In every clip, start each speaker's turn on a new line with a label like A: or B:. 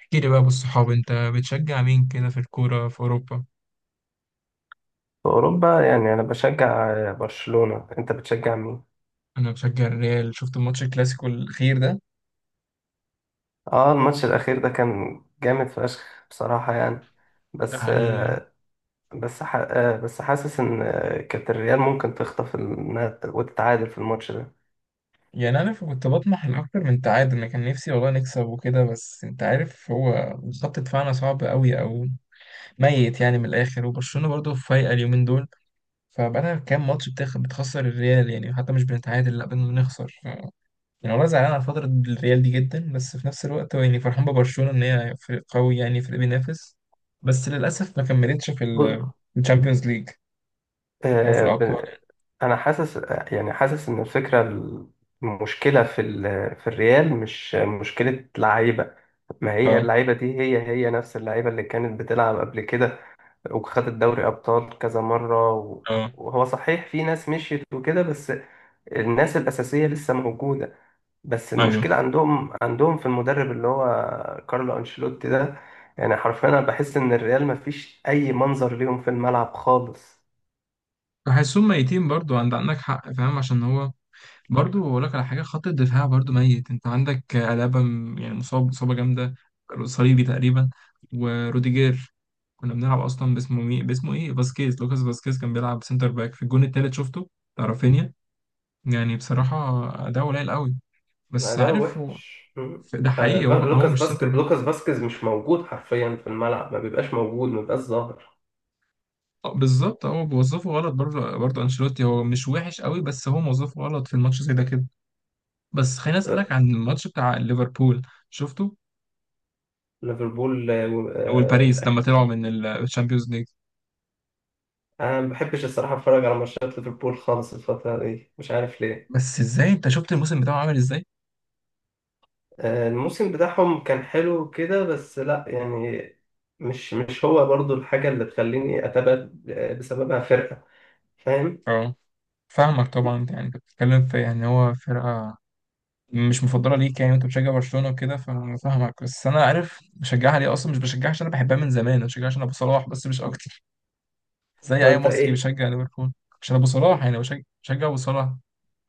A: احكي لي بقى بالصحاب، انت بتشجع مين كده في الكورة في اوروبا؟
B: في أوروبا يعني أنا بشجع برشلونة. أنت بتشجع مين؟
A: انا بشجع الريال. شفت الماتش الكلاسيكو الاخير ده.
B: آه، الماتش الأخير ده كان جامد فشخ بصراحة يعني.
A: ده
B: بس
A: حقيقي.
B: آه، بس ح- آه، بس حاسس إن كانت الريال ممكن تخطف وتتعادل في الماتش ده.
A: يعني انا كنت بطمح لاكتر من تعادل، انا كان نفسي والله نكسب وكده، بس انت عارف هو خط دفاعنا صعب قوي او ميت يعني من الاخر، وبرشلونة برضه فايقة اليومين دول. فبقالها كام ماتش بتخسر الريال، يعني حتى مش بنتعادل لا بنخسر. يعني والله زعلان على فترة الريال دي جدا، بس في نفس الوقت هو يعني فرحان ببرشلونة إن هي فريق قوي، يعني فريق بينافس. بس للأسف ما كملتش في
B: بص،
A: الشامبيونز ليج أو في
B: آه،
A: الأبطال.
B: ب- أنا حاسس، يعني حاسس إن المشكلة في في الريال مش مشكلة لعيبة، ما هي
A: اه،
B: اللعيبة دي هي نفس اللعيبة اللي كانت بتلعب قبل كده، وخد الدوري أبطال كذا مرة،
A: اه،
B: وهو صحيح في ناس مشيت وكده، بس الناس الأساسية لسه موجودة. بس
A: ايوه.
B: المشكلة عندهم في المدرب اللي هو كارلو أنشيلوتي ده. يعني حرفيا أنا بحس إن الريال مفيش أي منظر ليهم في الملعب خالص.
A: بحسهم ميتين برضو، عندك حق. فاهم؟ عشان هو برضو اقول لك على حاجه، خط الدفاع برضو ميت. انت عندك الابا يعني مصابه جامده، صليبي تقريبا، وروديجير. كنا بنلعب اصلا باسمه ايه، فاسكيز، لوكاس فاسكيز كان بيلعب سنتر باك في الجون التالت، شفته بتاع رافينيا. يعني بصراحة ده قليل قوي، بس
B: ده
A: عارف هو
B: وحش. مم.
A: ده حقيقي، هو هو
B: لوكاس
A: مش سنتر
B: باسكيز
A: باك.
B: لوكاس باسكيز مش موجود حرفيا في الملعب، ما بيبقاش موجود، ما بيبقاش ظاهر.
A: آه، بالظبط هو بيوظفه غلط برضه، انشيلوتي هو مش وحش قوي، بس هو موظفه غلط في الماتش زي ده كده. بس خليني
B: آه،
A: اسألك عن الماتش بتاع ليفربول، شفته؟
B: ليفربول،
A: والباريس
B: آه،
A: لما طلعوا من الشامبيونز ليج.
B: انا ما بحبش الصراحه اتفرج على ماتشات ليفربول خالص الفتره دي، مش عارف ليه.
A: بس ازاي؟ انت شفت الموسم بتاعه عامل ازاي؟
B: الموسم بتاعهم كان حلو كده، بس لا يعني، مش هو برضو الحاجه اللي تخليني اتابع بسببها فرقه، فاهم؟
A: اه. فاهمك طبعا، يعني انت بتتكلم في يعني هو فرقة مش مفضله ليك يعني، وانت بتشجع برشلونه وكده، فاهمك. بس انا عارف بشجعها ليه اصلا، مش بشجعها عشان انا بحبها من زمان، انا بشجعها عشان ابو صلاح، بس مش اكتر.
B: طب
A: زي اي
B: انت
A: مصري
B: ايه؟
A: بيشجع ليفربول عشان ابو صلاح، يعني بشجع ابو صلاح.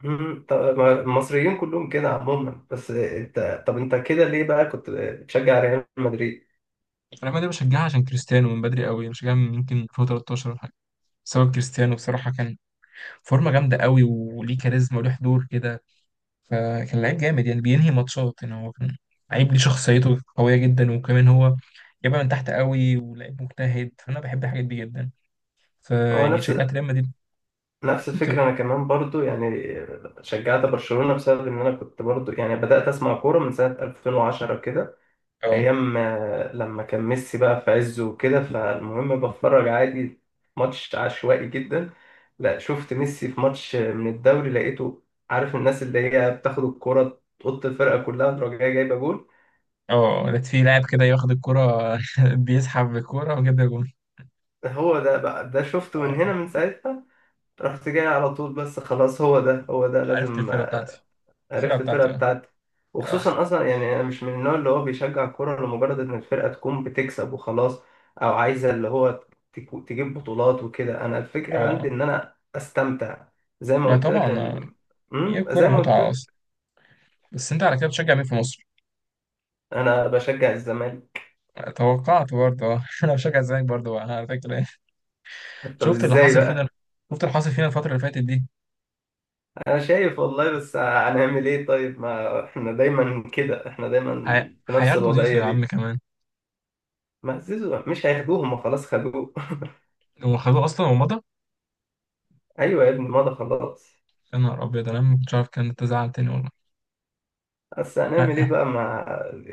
B: طب ما المصريين كلهم كده عموما، بس انت طب انت كده ليه بقى كنت بتشجع ريال مدريد؟
A: ريال مدريد بشجعها عشان كريستيانو من بدري قوي، بشجعها من يمكن 2013 ولا حاجه. بسبب كريستيانو، بصراحه كان فورمه جامده قوي، وليه كاريزما وليه حضور كده، فكان لعيب جامد. يعني بينهي ماتشات، يعني هو كان
B: مم.
A: لعيب ليه شخصيته قويه جدا، وكمان هو جايبها من تحت قوي، ولعيب مجتهد، فانا بحب الحاجات دي جدا.
B: هو
A: فيعني
B: نفس
A: شجعت ريال مدريد.
B: نفس
A: انت-
B: الفكرة، أنا كمان برضو يعني شجعت برشلونة بسبب إن أنا كنت برضو، يعني بدأت أسمع كورة من سنة 2010 كده،
A: اه.
B: ايام لما كان ميسي بقى في عزه وكده. فالمهم بتفرج عادي، ماتش عشوائي جدا، لا شفت ميسي في ماتش من الدوري، لقيته، عارف الناس اللي هي بتاخد الكرة تقط الفرقة كلها تروح جاية جايبة جول،
A: اه، لقيت في لاعب كده ياخد الكرة بيسحب بالكرة وجاب جون.
B: هو ده بقى، ده شفته من هنا،
A: اه،
B: من ساعتها رحت جاي على طول. بس خلاص، هو ده هو ده
A: عرفت
B: لازم،
A: الفرقة بتاعتي. الفرقة
B: عرفت الفرقة
A: بتاعتي اه.
B: بتاعتي.
A: اه.
B: وخصوصا أصلا يعني أنا مش من النوع اللي هو بيشجع كورة لمجرد إن الفرقة تكون بتكسب وخلاص، أو عايزة اللي هو تجيب بطولات وكده. أنا الفكرة عندي
A: اه.
B: إن أنا أستمتع، زي ما
A: ما
B: قلت لك
A: طبعا اه.
B: أنا.
A: هي الكرة
B: زي ما قلت
A: متعة
B: لك،
A: أصلا. بس أنت على كده بتشجع مين في مصر؟
B: أنا بشجع الزمالك.
A: توقعت برضه اه. أنا بشجع الزمالك برضه بقى، على فكرة.
B: طب
A: شفت اللي
B: إزاي
A: حاصل فينا؟
B: بقى؟
A: شفت اللي حاصل فينا الفترة اللي فاتت دي.
B: أنا شايف والله، بس هنعمل إيه؟ طيب ما إحنا دايما كده، إحنا دايما
A: ه-
B: في نفس
A: هياخدوا زيزو
B: الوضعية
A: يا عم
B: دي.
A: كمان.
B: ما زيزو مش هياخدوهم، ما خلاص خدوه.
A: هو خدوه أصلا ومضى.
B: أيوه يا ابني، ما ده خلاص.
A: يا نهار أبيض، أنا ما كنتش عارف، كان تزعل تاني والله.
B: بس هنعمل ايه بقى مع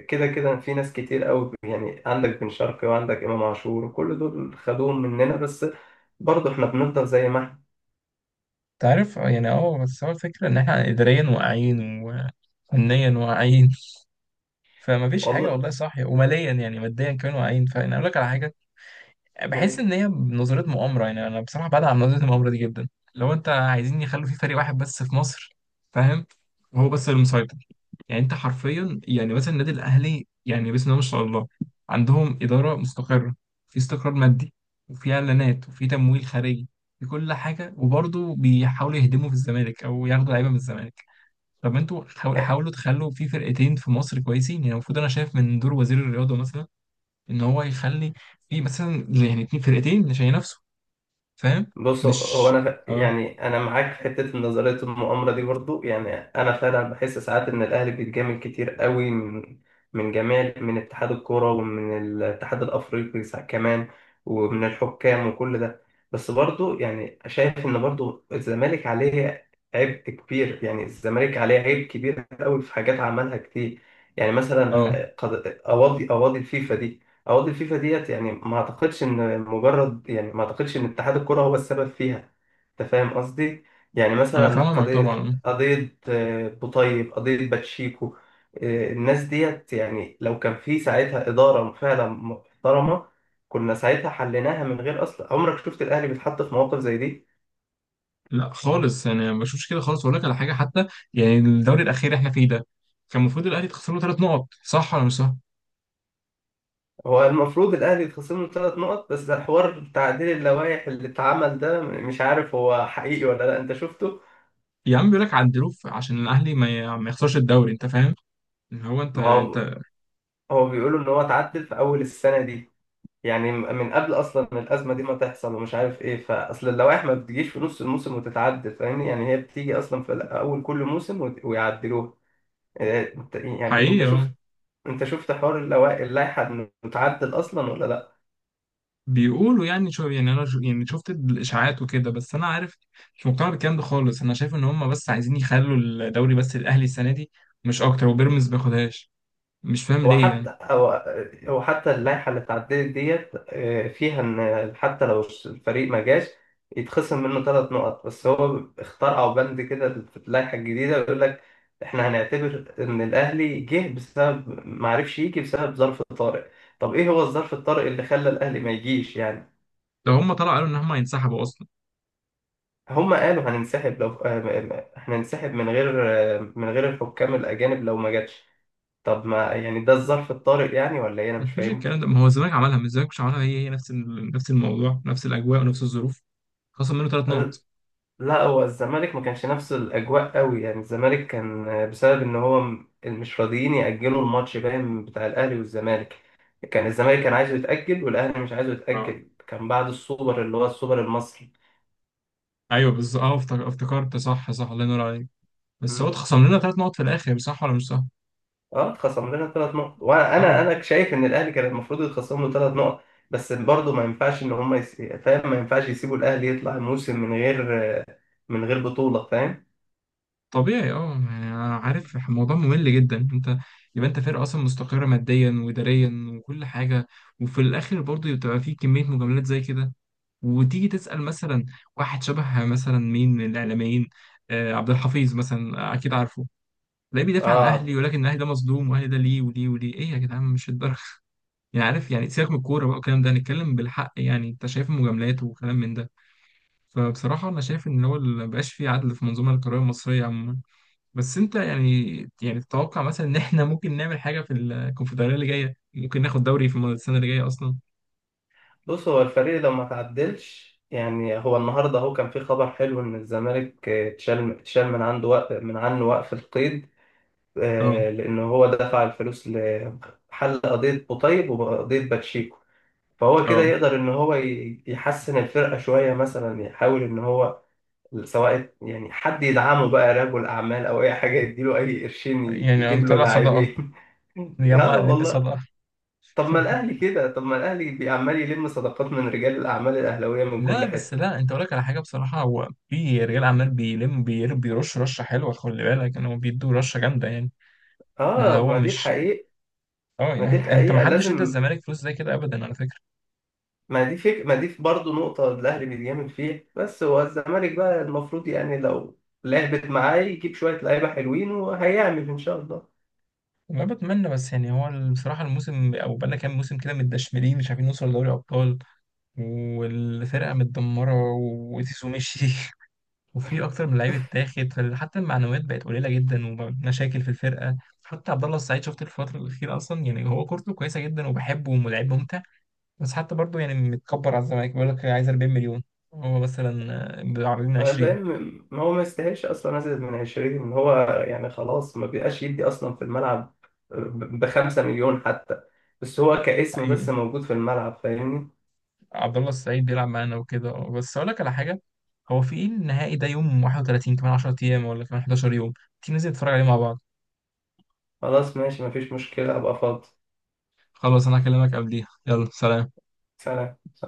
B: كده؟ كده في ناس كتير قوي، يعني عندك بن شرقي وعندك امام عاشور وكل دول خدوهم مننا، بس برضه احنا بنفضل زي ما احنا،
A: تعرف آه، يعني اه، بس هو الفكرة إن إحنا إداريا واقعين وفنيا واقعين، فمفيش حاجة
B: والله.
A: والله صاحية، وماليا يعني ماديا كمان واقعين. فأنا أقول لك على حاجة، بحس ان هي نظريه مؤامره، يعني انا بصراحه بعد عن نظريه المؤامره دي جدا. لو انت عايزين يخلوا في فريق واحد بس في مصر، فاهم، وهو بس اللي مسيطر. يعني انت حرفيا، يعني مثلا النادي الاهلي يعني بسم الله ما شاء الله، عندهم اداره مستقره، في استقرار مادي، وفي اعلانات وفي تمويل خارجي، في كل حاجه. وبرضه بيحاولوا يهدموا في الزمالك او ياخدوا لعيبه من الزمالك. طب ما انتوا
B: إيه.
A: حاولوا تخلوا في فرقتين في مصر كويسين، يعني المفروض انا شايف من دور وزير الرياضه مثلا ان هو يخلي في مثلا يعني اتنين فرقتين عشان ينافسوا، فاهم؟
B: بص هو
A: مش
B: انا ف-
A: اه.
B: يعني انا معاك في حته نظريه المؤامره دي برضو، يعني انا فعلا بحس ساعات ان الاهلي بيتجامل كتير قوي من جميع، من اتحاد الكوره ومن الاتحاد الافريقي كمان، ومن الحكام وكل ده. بس برضو يعني شايف ان برضو الزمالك عليه عبء كبير، يعني الزمالك عليه عيب كبير قوي في حاجات عملها كتير. يعني مثلا ح-
A: اه،
B: قض- قواضي قواضي الفيفا دي، عقد الفيفا ديت، يعني ما اعتقدش ان مجرد، يعني ما اعتقدش ان اتحاد الكرة هو السبب فيها. انت فاهم قصدي؟ يعني
A: انا
B: مثلا
A: فاهمه معاك
B: قضية
A: طبعا.
B: قضية بوطيب، قضية باتشيكو، الناس ديت يعني لو كان في ساعتها إدارة فعلا محترمة، كنا ساعتها حليناها من غير أصلا. عمرك شفت الأهلي بيتحط في مواقف زي دي؟
A: لا خالص، يعني انا ما بشوفش كده خالص. اقول لك على حاجه حتى، يعني الدوري الاخير احنا فيه ده، كان المفروض الاهلي تخسر له ثلاث نقط، صح ولا مش صح؟
B: هو المفروض الأهلي يتخصم له 3 نقط، بس حوار تعديل اللوائح اللي اتعمل ده مش عارف هو حقيقي ولا لا، أنت شفته؟
A: يا عم بيقول لك عدلوه عشان الاهلي ما يخسرش الدوري، انت فاهم، إن هو انت
B: ما هو،
A: انت
B: هو بيقولوا ان هو اتعدل في اول السنه دي، يعني من قبل اصلا ما الازمه دي ما تحصل، ومش عارف ايه. فاصل اللوائح ما بتجيش في نص الموسم وتتعدل، فاهمني؟ يعني هي بتيجي اصلا في اول كل موسم ويعدلوها. إيه، يعني
A: حقيقي اه.
B: انت شفت حوار اللوائح، اللائحه انه اتعدل اصلا ولا لا؟
A: بيقولوا، يعني شو يعني انا شو، يعني شفت الاشاعات وكده، بس انا عارف مش مقتنع بالكلام ده خالص. انا شايف ان هم بس عايزين يخلوا الدوري بس الاهلي السنه دي، مش اكتر، وبيراميدز ما ياخدهاش. مش فاهم
B: هو
A: ليه يعني.
B: حتى هو هو حتى اللائحة اللي اتعدلت ديت، فيها إن حتى لو الفريق ما جاش، يتخصم منه 3 نقط. بس هو اخترعوا بند كده في اللائحة الجديدة، بيقول لك إحنا هنعتبر إن الأهلي جه بسبب، ما عرفش يجي، بسبب ظرف طارئ. طب إيه هو الظرف الطارئ اللي خلى الأهلي ما يجيش يعني؟
A: لو هم طلعوا قالوا ان هم هينسحبوا اصلا،
B: هما قالوا هننسحب، لو هننسحب من غير من غير الحكام الأجانب، لو ما جاتش. طب ما يعني ده الظرف الطارئ، يعني ولا إيه؟ أنا مش
A: مفيش
B: فاهمكم.
A: الكلام ده. ما هو الزمالك عملها، ما الزمالك مش عملها، هي هي نفس الموضوع، نفس الاجواء ونفس الظروف، خصم منه ثلاث نقط.
B: لا، هو الزمالك ما كانش نفس الاجواء قوي، يعني الزمالك كان بسبب ان هو مش راضيين ياجلوا الماتش، باين بتاع الاهلي والزمالك. الزمالك كان عايزه يتاجل والاهلي مش عايزه
A: اه،
B: يتاجل، كان بعد السوبر اللي هو السوبر المصري.
A: ايوه بالظبط اه. افتكرت، صح صح، الله ينور عليك. بس هو
B: مم.
A: اتخصم لنا ثلاث نقط في الاخر، صح ولا مش صح؟
B: اه، اتخصم لنا 3 نقط، وانا
A: او.
B: انا شايف ان الاهلي كان المفروض يتخصم له 3 نقط. بس برضه ما ينفعش ان هم فاهم، ما ينفعش يسيبوا الاهلي يطلع موسم من غير، من غير بطوله. فاهم؟
A: طبيعي اه، يعني أنا عارف الموضوع ممل جدا. انت يبقى انت فرقه اصلا مستقره ماديا واداريا وكل حاجه، وفي الاخر برضه بتبقى في كميه مجاملات زي كده، وتيجي تسال مثلا واحد شبه مثلا مين من الاعلاميين، آه عبد الحفيظ مثلا، آه، اكيد عارفه، تلاقيه بيدافع عن
B: اه.
A: اهلي. ولكن اهلي ده مظلوم، واهلي ده ليه وليه وليه، ايه يا جدعان مش الدرجه يعني عارف، يعني سيبك من الكوره بقى والكلام ده، نتكلم بالحق، يعني انت شايف المجاملات وكلام من ده. فبصراحه انا شايف ان هو مبقاش فيه عدل في المنظومه القضائيه المصريه عموما. بس انت يعني، يعني تتوقع مثلا ان احنا ممكن نعمل حاجه في الكونفدراليه اللي جايه؟ ممكن ناخد دوري في السنه اللي جايه اصلا؟
B: بص، هو الفريق لو ما تعدلش، يعني هو النهارده اهو كان في خبر حلو ان الزمالك اتشال من عنده وقف من عنه وقف القيد،
A: اه.
B: لانه هو دفع الفلوس لحل قضيه قطيب وقضيه باتشيكو. فهو كده
A: اه،
B: يقدر ان هو يحسن الفرقه شويه، مثلا يحاول ان هو، سواء يعني حد يدعمه بقى، رجل اعمال او اي حاجه، يديله اي قرشين
A: يعني
B: يجيب له
A: هنطلع صدقه،
B: لاعبين. اه
A: نجمع نلم
B: والله.
A: صدقه.
B: طب ما الاهلي بيعمال يلم صداقات من رجال الاعمال الاهلاويه من
A: لا
B: كل
A: بس
B: حته.
A: لا، انت اقول لك على حاجه بصراحه، هو في رجال اعمال بيلم بيرش رشه حلوه، خلي بالك ان هو بيدوا رشه جامده يعني، اللي
B: اه
A: هو
B: ما دي
A: مش
B: الحقيقه،
A: اه.
B: ما
A: يعني
B: دي
A: انت ما
B: الحقيقه
A: حدش ادى
B: لازم.
A: الزمالك فلوس زي كده ابدا، على فكره.
B: ما دي برضه نقطه الاهلي بيتجامل فيها، بس هو الزمالك بقى المفروض، يعني لو لعبت معاه يجيب شويه لعيبه حلوين وهيعمل ان شاء الله.
A: ما بتمنى بس، يعني هو بصراحه الموسم او بقالنا كام موسم كده متدشملين، مش عارفين نوصل لدوري ابطال، والفرقة متدمرة، وزيزو مشي وفي أكتر من لعيب اتاخد، فحتى المعنويات بقت قليلة جدا ومشاكل في الفرقة. حتى عبد الله السعيد شفت الفترة الأخيرة أصلا، يعني هو كورته كويسة جدا وبحبه ولاعب ممتع، بس حتى برضه يعني متكبر على الزمالك، بيقول لك عايز 40 مليون، هو مثلا عارضين
B: أنا
A: 20.
B: فاهم، ما هو ما يستاهلش اصلا ازيد من 20، ان هو يعني خلاص ما بيبقاش يدي اصلا في الملعب ب 5 مليون حتى، بس هو كاسم
A: حقيقي.
B: بس موجود في الملعب، فاهمني؟
A: عبد الله السعيد بيلعب معانا وكده اه، بس أقول لك على حاجة، هو في إيه النهائي ده يوم 31، كمان 10 أيام ولا كمان 11 يوم، تيجي ننزل نتفرج عليه مع بعض.
B: خلاص ماشي، مفيش مشكلة، أبقى فاضي.
A: خلاص أنا هكلمك قبليها، يلا سلام.
B: سلام.